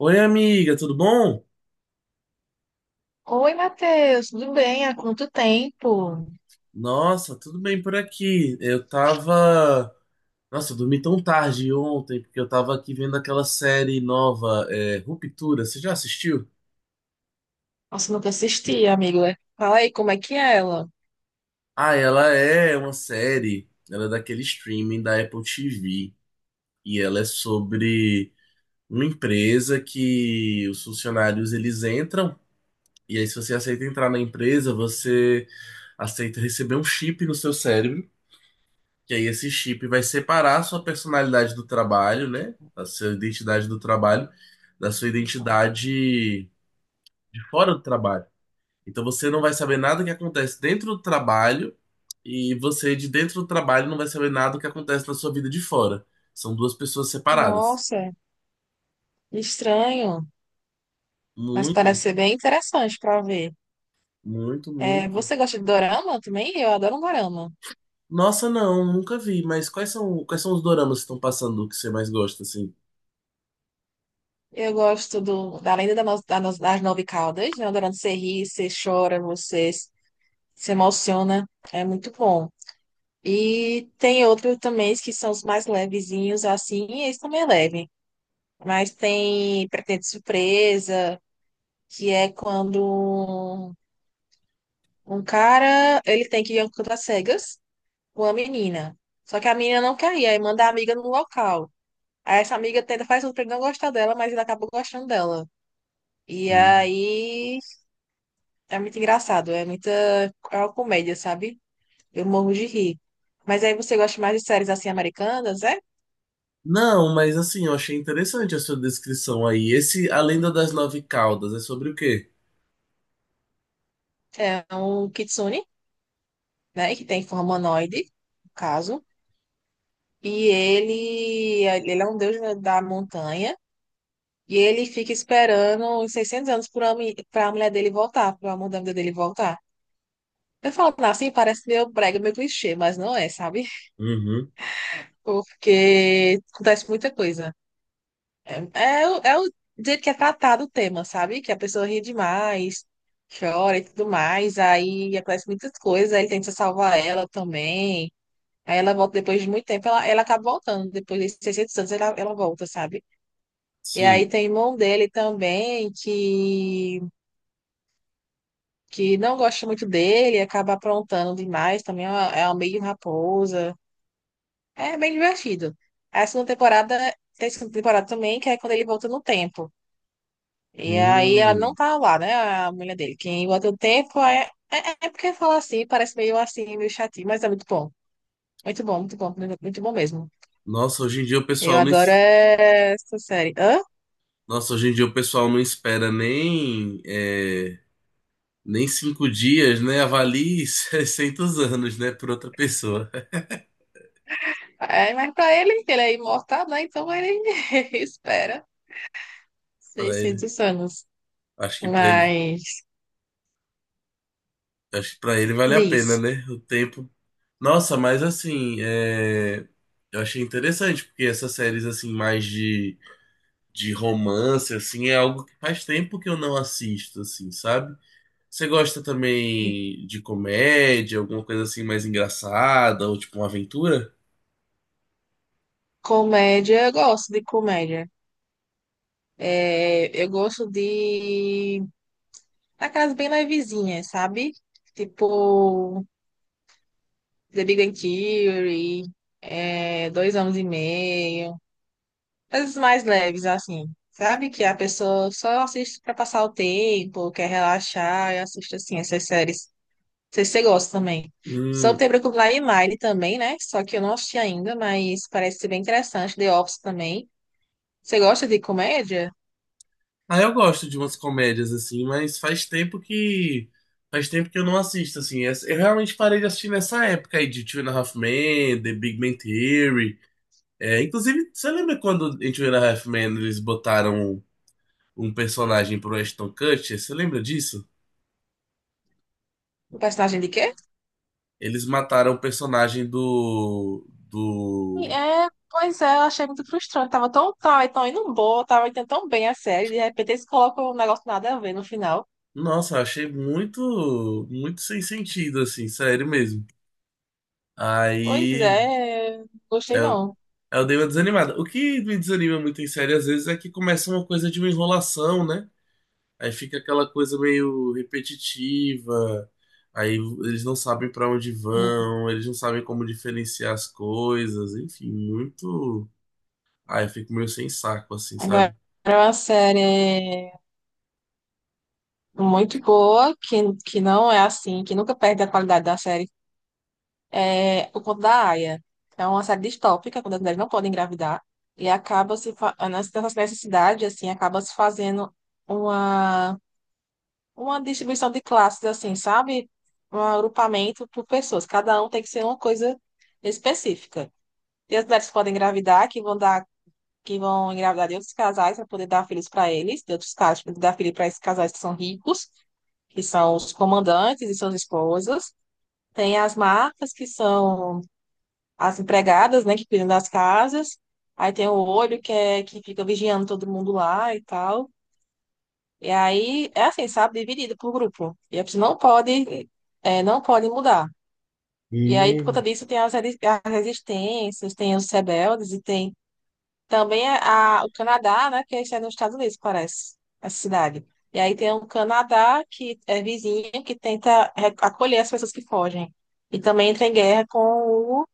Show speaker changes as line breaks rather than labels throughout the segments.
Oi, amiga, tudo bom?
Oi, Matheus, tudo bem? Há quanto tempo?
Nossa, tudo bem por aqui. Eu tava. Nossa, eu dormi tão tarde ontem, porque eu tava aqui vendo aquela série nova, Ruptura. Você já assistiu?
Nossa, nunca assisti, amigo. Fala aí, como é que é ela?
Ah, ela é uma série. Ela é daquele streaming da Apple TV. E ela é sobre uma empresa que os funcionários eles entram. E aí, se você aceita entrar na empresa, você aceita receber um chip no seu cérebro. Que aí esse chip vai separar a sua personalidade do trabalho, né? A sua identidade do trabalho, da sua identidade de fora do trabalho. Então você não vai saber nada que acontece dentro do trabalho e você de dentro do trabalho não vai saber nada que acontece na sua vida de fora. São duas pessoas separadas.
Nossa, estranho, mas parece
Muito,
ser bem interessante para ver.
muito,
É,
muito.
você gosta de dorama também? Eu adoro um dorama.
Nossa, não, nunca vi, mas quais são os doramas que estão passando que você mais gosta, assim?
Eu gosto da Lenda da No- da No- das Nove Caudas, né? O dorama que você ri, você chora, você se emociona. É muito bom. E tem outros também que são os mais levezinhos, assim, e esse também é leve. Mas tem Pretende Surpresa, que é quando um cara, ele tem que ir a um canto às cegas com a menina. Só que a menina não quer ir, aí manda a amiga no local. Aí essa amiga tenta faz tudo pra ele não gostar dela, mas ele acaba gostando dela. E aí é muito engraçado, é muita é uma comédia, sabe? Eu morro de rir. Mas aí você gosta mais de séries assim americanas, é?
Não, mas assim, eu achei interessante a sua descrição aí. Esse A Lenda das Nove Caudas é sobre o quê?
É um Kitsune, né? Que tem forma humanoide, no caso. E ele é um deus da montanha. E ele fica esperando uns 600 anos para a mulher dele voltar, para o amor da vida dele voltar. Eu falo assim, parece meio brega, meio clichê, mas não é, sabe?
Uhum,
Porque acontece muita coisa. É, é o jeito que é tratado o tema, sabe? Que a pessoa ri demais, chora e tudo mais, aí acontece muitas coisas, aí ele tenta salvar ela também. Aí ela volta depois de muito tempo, ela acaba voltando. Depois de 600 anos, ela volta, sabe? E
sim.
aí tem irmão dele também, que não gosta muito dele, acaba aprontando demais, também é uma meio raposa. É bem divertido. A segunda temporada, tem segunda temporada também, que é quando ele volta no tempo. E aí ela não
Hum.
tá lá, né? A mulher dele. Quem volta no tempo é porque fala assim, parece meio assim, meio chatinho, mas é muito bom. Muito bom, muito bom, muito bom mesmo.
Nossa, hoje em dia o
Eu
pessoal não,
adoro essa série. Hã?
Nossa, hoje em dia o pessoal não espera nem nem cinco dias, né? Avalie 600 anos, né, por outra pessoa.
É, mas pra ele, ele é imortal, né? Então ele espera
Para ele,
600 anos.
acho que para ele,
Mas
acho que para ele vale a pena,
diz.
né? O tempo. Nossa, mas assim, eu achei interessante porque essas séries assim mais de romance, assim, é algo que faz tempo que eu não assisto, assim, sabe? Você gosta também de comédia, alguma coisa assim mais engraçada, ou tipo uma aventura?
Comédia, eu gosto de comédia. É, eu gosto de aquelas bem levezinhas, sabe? Tipo The Big Bang Theory, é, Dois Anos e Meio, coisas mais leves assim, sabe? Que a pessoa só assiste pra passar o tempo, quer relaxar e assiste assim essas séries. Não sei se você gosta também. Só
Hum.
tem Brooklyn Nine-Nine também, né? Só que eu não assisti ainda, mas parece ser bem interessante. The Office também. Você gosta de comédia?
Ah, eu gosto de umas comédias, assim, mas faz tempo que. Faz tempo que eu não assisto, assim. Eu realmente parei de assistir nessa época aí de Two and a Half Men, The Big Bang Theory. É, inclusive, você lembra quando em Two and a Half Men eles botaram um personagem pro Ashton Kutcher? Você lembra disso?
O personagem de quê?
Eles mataram o personagem do...
Pois é, eu achei muito frustrante. Tava tão indo boa, tava indo tão bem a série, de repente eles colocam um negócio nada a ver no final.
Nossa, eu achei muito, muito sem sentido, assim, sério mesmo.
Pois
Aí
é, gostei
eu,
não.
eu dei uma desanimada. O que me desanima muito em série, às vezes, é que começa uma coisa de uma enrolação, né? Aí fica aquela coisa meio repetitiva. Aí eles não sabem pra onde
E
vão, eles não sabem como diferenciar as coisas, enfim, muito. Aí eu fico meio sem saco, assim,
Agora
sabe?
é uma série muito boa, que não é assim, que nunca perde a qualidade da série. É O Conto da Aia. É uma série distópica, quando as mulheres não podem engravidar. E acaba se, fa- nessa nessa necessidade, assim, acaba se fazendo uma. uma distribuição de classes, assim, sabe? Um agrupamento por pessoas. Cada um tem que ser uma coisa específica. Tem as mulheres que podem engravidar, que vão dar, que vão engravidar de outros casais para poder dar filhos para eles, de outros casais, para poder dar filhos para esses casais que são ricos, que são os comandantes e suas esposas. Tem as marcas, que são as empregadas, né, que cuidam das casas. Aí tem o olho, que é que fica vigiando todo mundo lá e tal. E aí, é assim, sabe? Dividido por grupo. E a pessoa não pode, é, não pode mudar. E aí, por conta
Hum.
disso, tem as resistências, tem os rebeldes e tem também o Canadá, né? Que é, isso é nos Estados Unidos, parece, essa cidade. E aí tem o Canadá, que é vizinho, que tenta acolher as pessoas que fogem. E também entra em guerra com o,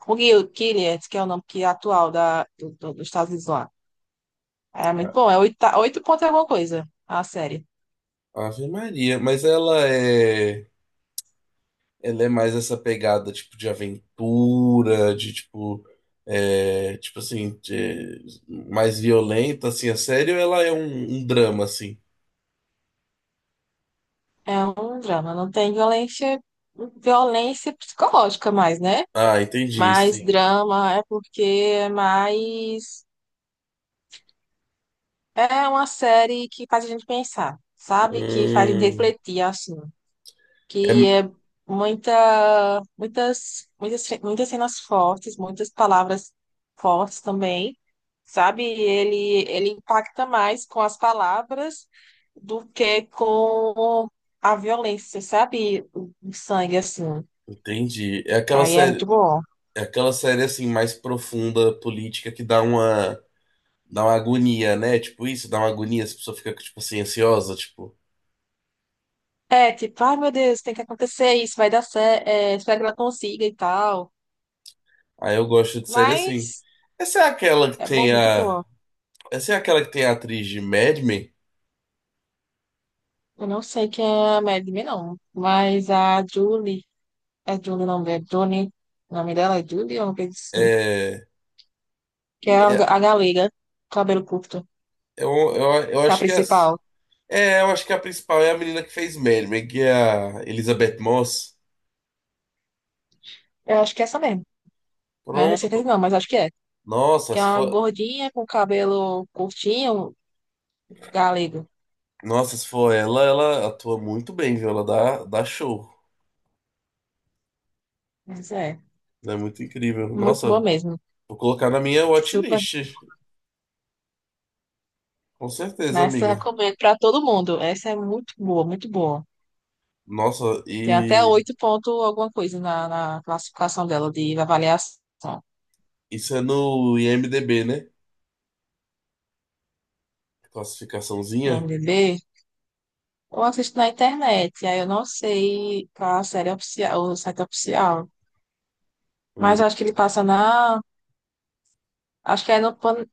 com o Gilead, que é o nome que é atual dos Estados Unidos lá. É muito bom, é oito, oito pontos e alguma coisa, a série.
Ave Maria, mas ela é mais essa pegada tipo de aventura, de tipo, tipo assim, mais violenta assim, a série, ou ela é um drama assim?
É um drama, não tem violência, violência psicológica mais, né?
Ah, entendi,
Mais
sim.
drama é porque é mais é uma série que faz a gente pensar, sabe? Que faz a gente
Hum,
refletir assim, que
é-
é muitas, muitas, muitas cenas fortes, muitas palavras fortes também, sabe? Ele impacta mais com as palavras do que com a violência, sabe? O sangue assim.
entendi.
Aí é muito bom.
É aquela série assim mais profunda política que dá uma agonia, né? Tipo isso, dá uma agonia, as pessoas ficam tipo assim ansiosa, tipo.
É, tipo, ai meu Deus, tem que acontecer isso, vai dar certo, espero que ela consiga e tal.
Aí eu gosto de série assim.
Mas
Essa é aquela que
é bom,
tem
muito
a
boa.
Essa é aquela que tem a atriz de Mad Men?
Eu não sei quem é a Madeline, não. Mas a Julie, é Julie o nome dela, Johnny, o nome dela é Julie ou não coisa assim?
É,
Que é a
é-
a galega, cabelo curto,
eu, eu
que é a
acho que é, essa.
principal.
É, eu acho que a principal é a menina que fez Mad Men, que é a Elizabeth Moss.
Eu acho que é essa mesmo. Mas não tenho certeza
Pronto.
não, mas acho que é.
Nossa,
Que é
se
uma
for,
gordinha com cabelo curtinho, galego.
nossa, se for ela, ela atua muito bem, viu? Ela dá, dá show.
Mas é,
Ela é muito incrível.
muito boa
Nossa,
mesmo.
vou colocar na minha
Super
watchlist. Com certeza,
Essa eu
amiga.
recomendo para todo mundo. Essa é muito boa, muito boa.
Nossa,
Tem até
e
oito ponto alguma coisa na, na classificação dela de avaliação.
isso é no IMDb, né? Classificaçãozinha.
MDB, eu assisto na internet, aí eu não sei qual a série oficial, o site oficial. Mas
Hum.
eu acho que ele passa na. Acho que é no, Pan-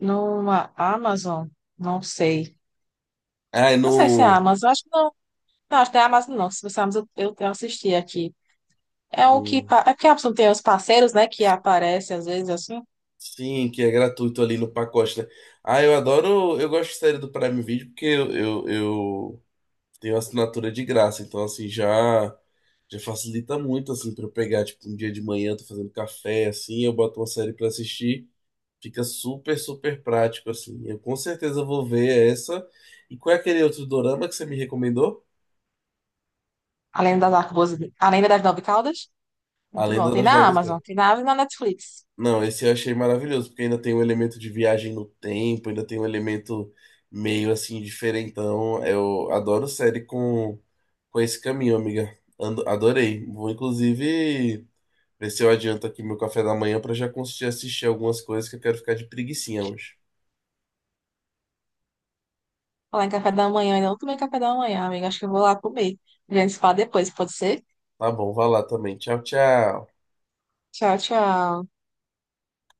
numa Amazon. Não sei.
Ah, é
Não sei se é
no.
Amazon, acho que não. Não, acho que não é Amazon, não. Se você é Amazon, eu assisti aqui. É o que.
Hum.
pa- É porque a Amazon tem os parceiros, né? Que aparecem às vezes assim.
Sim, que é gratuito ali no pacote, né? Ah, eu adoro, eu gosto de série do Prime Video porque eu tenho assinatura de graça, então assim já facilita muito assim para eu pegar tipo um dia de manhã, tô fazendo café assim, eu boto uma série para assistir, fica super prático assim. Eu com certeza vou ver essa. E qual é aquele outro dorama que você me recomendou?
A Lenda das Arcabuzes, A Lenda das Nove Caudas?
A
Muito bom.
Lenda das Nove Terras.
Tem na Amazon e na Netflix.
Não, esse eu achei maravilhoso, porque ainda tem o elemento de viagem no tempo, ainda tem um elemento meio assim diferentão. Eu adoro série com esse caminho, amiga. Adorei. Vou inclusive ver se eu adianto aqui meu café da manhã para já conseguir assistir algumas coisas que eu quero ficar de preguicinha hoje.
Falar em café da manhã, ainda não tomei café da manhã, amiga. Acho que eu vou lá comer. A gente se fala depois, pode ser?
Tá bom, vai lá também. Tchau, tchau.
Tchau, tchau.